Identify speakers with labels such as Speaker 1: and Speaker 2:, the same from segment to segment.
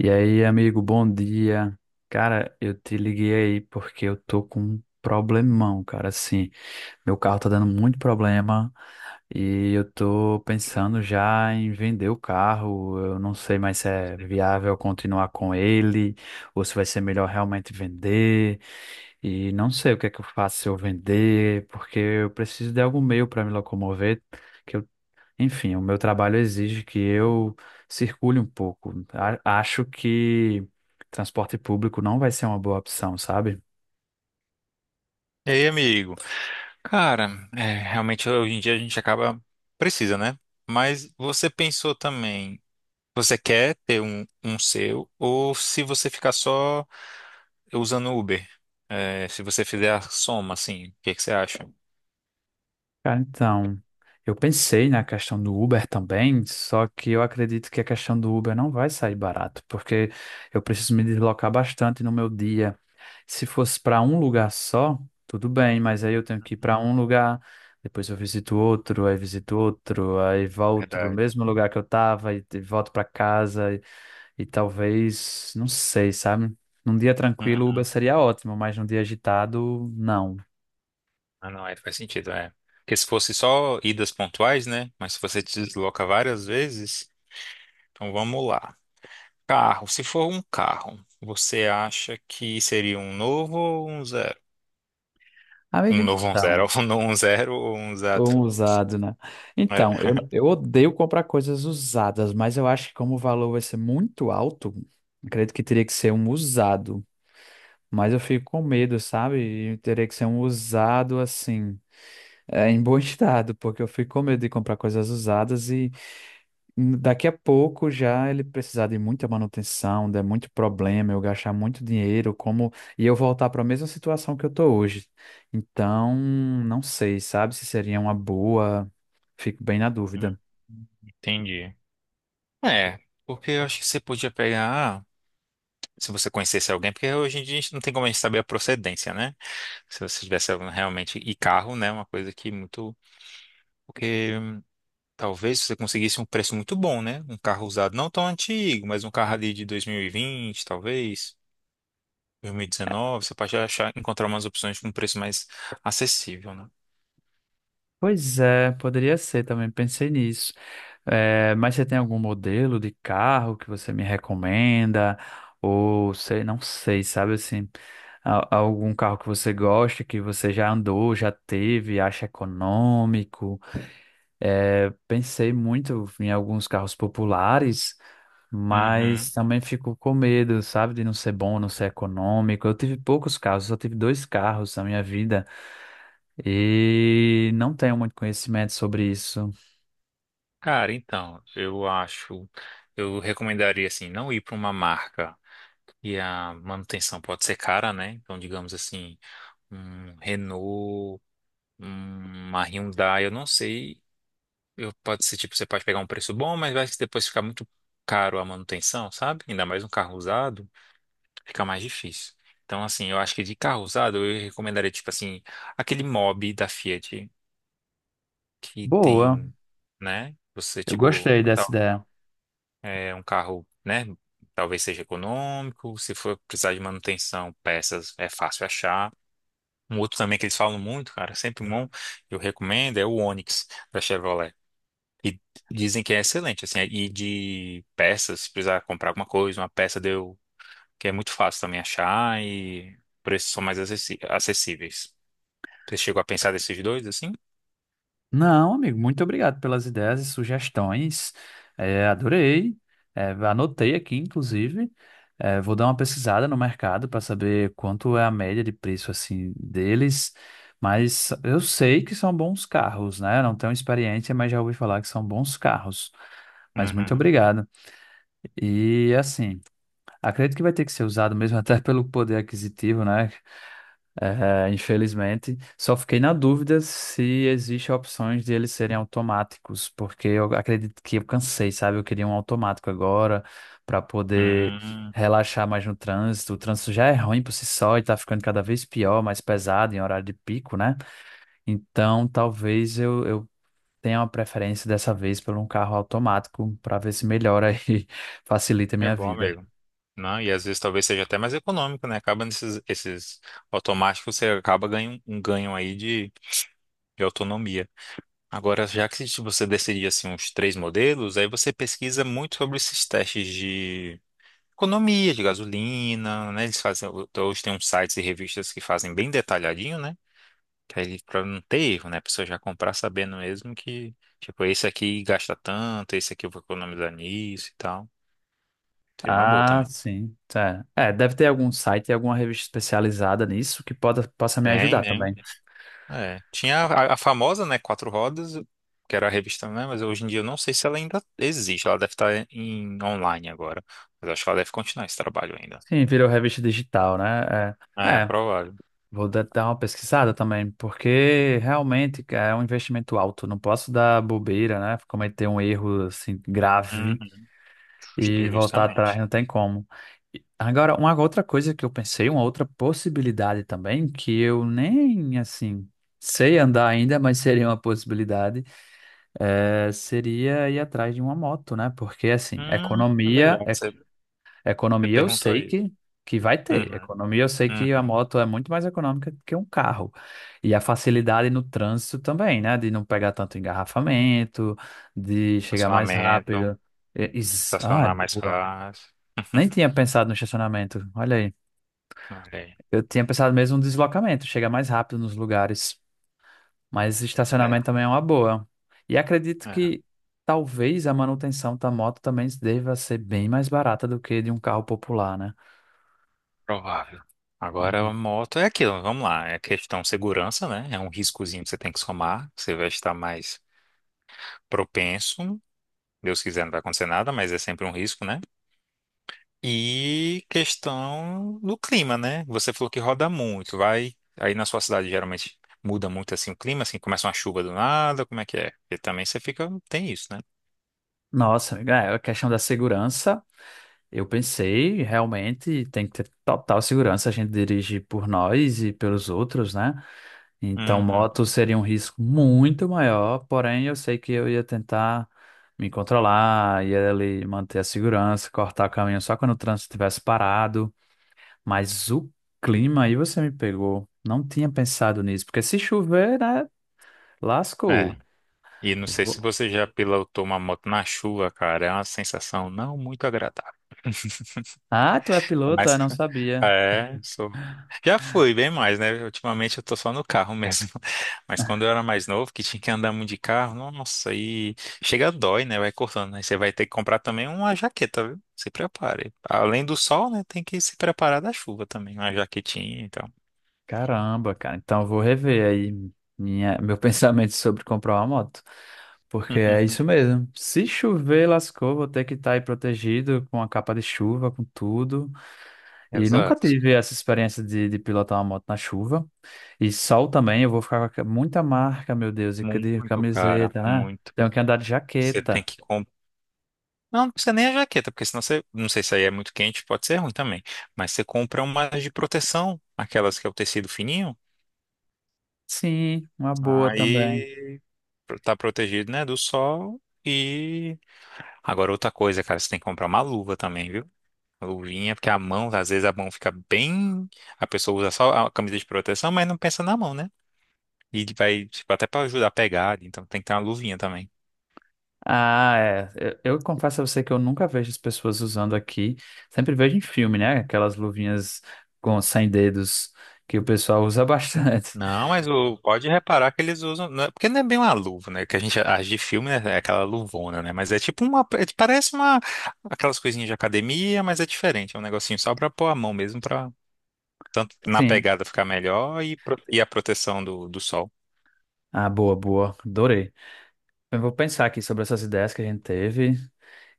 Speaker 1: E aí, amigo, bom dia. Cara, eu te liguei aí porque eu tô com um problemão, cara. Assim, meu carro tá dando muito problema e eu tô pensando já em vender o carro. Eu não sei mais se é viável continuar com ele ou se vai ser melhor realmente vender. E não sei o que é que eu faço se eu vender, porque eu preciso de algum meio para me locomover. que eu o meu trabalho exige que eu circule um pouco. Acho que transporte público não vai ser uma boa opção, sabe?
Speaker 2: E aí, amigo? Cara, realmente hoje em dia a gente acaba precisa, né? Mas você pensou também, você quer ter um seu ou se você ficar só usando Uber? É, se você fizer a soma, assim, o que que você acha?
Speaker 1: Cara, então, eu pensei na questão do Uber também, só que eu acredito que a questão do Uber não vai sair barato, porque eu preciso me deslocar bastante no meu dia. Se fosse para um lugar só, tudo bem, mas aí eu tenho que ir para um lugar, depois eu visito outro, aí volto para o
Speaker 2: Verdade.
Speaker 1: mesmo lugar que eu estava e volto para casa. E talvez, não sei, sabe? Num dia tranquilo, Uber
Speaker 2: Uhum.
Speaker 1: seria ótimo, mas num dia agitado, não.
Speaker 2: Ah, não, é, faz sentido, é. Porque se fosse só idas pontuais, né? Mas se você te desloca várias vezes, então vamos lá. Carro, se for um carro, você acha que seria um novo ou um zero?
Speaker 1: Amigo,
Speaker 2: Um novo, um zero,
Speaker 1: então,
Speaker 2: um novo, um zero ou um zero?
Speaker 1: um usado, né? Então,
Speaker 2: É.
Speaker 1: eu odeio comprar coisas usadas, mas eu acho que como o valor vai ser muito alto, acredito que teria que ser um usado. Mas eu fico com medo, sabe? E teria que ser um usado assim, é, em bom estado, porque eu fico com medo de comprar coisas usadas e daqui a pouco já ele precisar de muita manutenção, der muito problema, eu gastar muito dinheiro, como e eu voltar para a mesma situação que eu tô hoje. Então, não sei, sabe, se seria uma boa, fico bem na
Speaker 2: Hum.
Speaker 1: dúvida.
Speaker 2: Entendi. É, porque eu acho que você podia pegar, se você conhecesse alguém, porque hoje em dia a gente não tem como a gente saber a procedência, né? Se você tivesse realmente, e carro, né? Uma coisa que muito. Porque talvez você conseguisse um preço muito bom, né? Um carro usado não tão antigo, mas um carro ali de 2020, talvez, 2019, você pode achar, encontrar umas opções com um preço mais acessível, né?
Speaker 1: Pois é, poderia ser também, pensei nisso. Mas você tem algum modelo de carro que você me recomenda? Ou sei, não sei, sabe assim, algum carro que você gosta, que você já andou, já teve, acha econômico? É, pensei muito em alguns carros populares,
Speaker 2: Uhum.
Speaker 1: mas também fico com medo, sabe, de não ser bom, não ser econômico. Eu tive poucos carros, só tive dois carros na minha vida e não tenho muito conhecimento sobre isso.
Speaker 2: Cara, então, eu acho, eu recomendaria assim, não ir para uma marca e a manutenção pode ser cara, né? Então, digamos assim, um Renault, uma Hyundai, eu não sei. Eu, pode ser tipo, você pode pegar um preço bom, mas vai que depois ficar muito caro a manutenção, sabe? Ainda mais um carro usado, fica mais difícil. Então, assim, eu acho que de carro usado eu recomendaria, tipo assim, aquele Mobi da Fiat que
Speaker 1: Boa,
Speaker 2: tem, né? Você,
Speaker 1: eu
Speaker 2: tipo,
Speaker 1: gostei dessa ideia.
Speaker 2: é um carro, né? Talvez seja econômico, se for precisar de manutenção, peças é fácil achar. Um outro também que eles falam muito, cara, sempre bom, eu recomendo, é o Onix da Chevrolet. E dizem que é excelente, assim, e de peças, se precisar comprar alguma coisa, uma peça deu, que é muito fácil também achar e preços são mais acessíveis. Você chegou a pensar desses dois, assim?
Speaker 1: Não, amigo, muito obrigado pelas ideias e sugestões. É, adorei. É, anotei aqui, inclusive. É, vou dar uma pesquisada no mercado para saber quanto é a média de preço assim deles. Mas eu sei que são bons carros, né? Eu não tenho experiência, mas já ouvi falar que são bons carros. Mas muito
Speaker 2: Uhum.
Speaker 1: obrigado. E assim, acredito que vai ter que ser usado mesmo até pelo poder aquisitivo, né? É, infelizmente, só fiquei na dúvida se existe opções de eles serem automáticos, porque eu acredito que eu cansei, sabe? Eu queria um automático agora para poder
Speaker 2: Hum,
Speaker 1: relaxar mais no trânsito. O trânsito já é ruim por si só e tá ficando cada vez pior, mais pesado em horário de pico, né? Então, talvez eu tenha uma preferência dessa vez por um carro automático para ver se melhora e facilita a
Speaker 2: é
Speaker 1: minha
Speaker 2: bom
Speaker 1: vida.
Speaker 2: mesmo. Não, e às vezes talvez seja até mais econômico, né? Acaba nesses esses automáticos, você acaba ganhando um ganho aí de autonomia. Agora, já que se você decidir assim uns três modelos, aí você pesquisa muito sobre esses testes economia de gasolina, né? Eles fazem, hoje tem uns sites e revistas que fazem bem detalhadinho, né? Que aí pra não ter erro, né? A pessoa já comprar sabendo mesmo que, tipo, esse aqui gasta tanto, esse aqui eu vou economizar nisso e tal. Seria uma boa
Speaker 1: Ah,
Speaker 2: também.
Speaker 1: sim. Tá. É, deve ter algum site, alguma revista especializada nisso que possa me
Speaker 2: Tem,
Speaker 1: ajudar
Speaker 2: tem.
Speaker 1: também.
Speaker 2: É. Tinha a famosa, né? Quatro Rodas, que era a revista, né? Mas hoje em dia eu não sei se ela ainda existe. Ela deve estar em online agora. Mas acho que ela deve continuar esse trabalho ainda.
Speaker 1: Sim, virou revista digital, né? É,
Speaker 2: É,
Speaker 1: é,
Speaker 2: provável.
Speaker 1: vou dar uma pesquisada também, porque realmente cara, é um investimento alto. Não posso dar bobeira, né? Cometer um erro assim grave
Speaker 2: Uhum.
Speaker 1: e voltar atrás,
Speaker 2: Justamente.
Speaker 1: não tem como. E agora, uma outra coisa que eu pensei, uma outra possibilidade também, que eu nem assim sei andar ainda, mas seria uma possibilidade é, seria ir atrás de uma moto, né? Porque, assim,
Speaker 2: É
Speaker 1: economia,
Speaker 2: verdade. Você
Speaker 1: economia eu
Speaker 2: perguntou
Speaker 1: sei
Speaker 2: isso.
Speaker 1: que vai ter.
Speaker 2: Uhum,
Speaker 1: Economia eu sei que a
Speaker 2: uhum.
Speaker 1: moto é muito mais econômica que um carro. E a facilidade no trânsito também, né? De não pegar tanto engarrafamento, de chegar mais
Speaker 2: Estacionamento,
Speaker 1: rápido. Ah, é
Speaker 2: estacionar mais
Speaker 1: boa.
Speaker 2: fácil.
Speaker 1: Nem tinha pensado no estacionamento. Olha aí.
Speaker 2: Olha aí.
Speaker 1: Eu tinha pensado mesmo no deslocamento, chegar mais rápido nos lugares. Mas
Speaker 2: É,
Speaker 1: estacionamento também é uma boa. E acredito
Speaker 2: é,
Speaker 1: que talvez a manutenção da moto também deva ser bem mais barata do que de um carro popular, né?
Speaker 2: provável. Agora, a
Speaker 1: Uhum.
Speaker 2: moto é aquilo, vamos lá. É questão de segurança, né? É um riscozinho que você tem que somar. Você vai estar mais propenso. Deus quiser, não vai acontecer nada, mas é sempre um risco, né? E questão do clima, né? Você falou que roda muito, vai. Aí na sua cidade geralmente muda muito assim o clima, assim, começa uma chuva do nada, como é que é? Porque também você fica, tem isso, né?
Speaker 1: Nossa, é, a questão da segurança, eu pensei, realmente tem que ter total segurança, a gente dirige por nós e pelos outros, né? Então,
Speaker 2: Uhum.
Speaker 1: moto seria um risco muito maior, porém eu sei que eu ia tentar me controlar, ia ali manter a segurança, cortar o caminho só quando o trânsito estivesse parado. Mas o clima aí você me pegou. Não tinha pensado nisso, porque se chover, né, lascou.
Speaker 2: É. E não sei se
Speaker 1: Vou-
Speaker 2: você já pilotou uma moto na chuva, cara. É uma sensação não muito agradável.
Speaker 1: Ah, tu é piloto? Ah,
Speaker 2: Mas
Speaker 1: não sabia.
Speaker 2: é, sou. Já fui bem mais, né? Ultimamente eu tô só no carro mesmo. Mas quando eu era mais novo, que tinha que andar muito de carro, nossa, aí chega dói, né? Vai cortando, né? Você vai ter que comprar também uma jaqueta, viu? Se prepare. Além do sol, né? Tem que se preparar da chuva também, uma jaquetinha e tal.
Speaker 1: Caramba, cara. Então eu vou rever aí minha, meu pensamento sobre comprar uma moto. Porque é isso mesmo. Se chover, lascou, vou ter que estar aí protegido com a capa de chuva, com tudo. E nunca
Speaker 2: Exato.
Speaker 1: tive essa experiência de pilotar uma moto na chuva. E sol também, eu vou ficar com muita marca, meu Deus, e de
Speaker 2: Muito, cara,
Speaker 1: camiseta, né?
Speaker 2: muito.
Speaker 1: Tenho que andar de
Speaker 2: Você tem
Speaker 1: jaqueta.
Speaker 2: que não, não precisa nem a jaqueta, porque senão você, não sei se aí é muito quente, pode ser ruim também. Mas você compra umas de proteção, aquelas que é o tecido fininho,
Speaker 1: Sim, uma boa também.
Speaker 2: aí tá protegido, né, do sol. E agora outra coisa, cara, você tem que comprar uma luva também, viu? Uma luvinha, porque a mão, às vezes a mão fica bem. A pessoa usa só a camisa de proteção, mas não pensa na mão, né? E vai, tipo, até pra ajudar a pegar, então tem que ter uma luvinha também.
Speaker 1: Ah, é. Eu confesso a você que eu nunca vejo as pessoas usando aqui. Sempre vejo em filme, né? Aquelas luvinhas com sem dedos que o pessoal usa bastante.
Speaker 2: Não, mas o, pode reparar que eles usam, né, porque não é bem uma luva, né? Que a gente age de filme né, é aquela luvona, né? Mas é tipo uma, parece uma aquelas coisinhas de academia, mas é diferente, é um negocinho só pra pôr a mão mesmo pra tanto na
Speaker 1: Sim.
Speaker 2: pegada ficar melhor e a proteção do, do sol.
Speaker 1: Ah, boa, boa. Adorei. Eu vou pensar aqui sobre essas ideias que a gente teve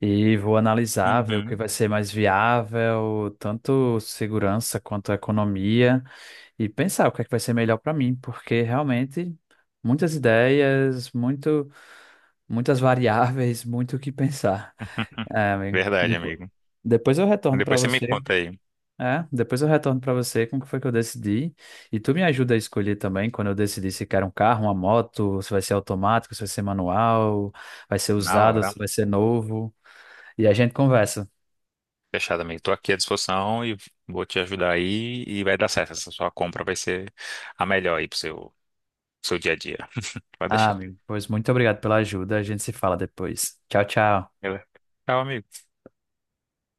Speaker 1: e vou analisar, ver o que
Speaker 2: Uhum.
Speaker 1: vai ser mais viável, tanto segurança quanto economia, e pensar o que é que vai ser melhor para mim, porque realmente muitas ideias, muito. Muitas variáveis, muito o que pensar. É, amigo.
Speaker 2: Verdade,
Speaker 1: Depois,
Speaker 2: amigo.
Speaker 1: depois eu retorno para
Speaker 2: Depois você me
Speaker 1: você.
Speaker 2: conta aí.
Speaker 1: É, depois eu retorno para você como que foi que eu decidi. E tu me ajuda a escolher também quando eu decidir se quero um carro, uma moto, se vai ser automático, se vai ser manual, vai ser
Speaker 2: Na
Speaker 1: usado,
Speaker 2: hora.
Speaker 1: se vai ser novo. E a gente conversa.
Speaker 2: Fechado, amigo. Tô aqui à disposição e vou te ajudar aí e vai dar certo. Essa sua compra vai ser a melhor aí pro seu, seu dia a dia. Pode
Speaker 1: Ah,
Speaker 2: deixar.
Speaker 1: amigo, pois muito obrigado pela ajuda. A gente se fala depois. Tchau, tchau.
Speaker 2: Beleza. Tchau, amigo.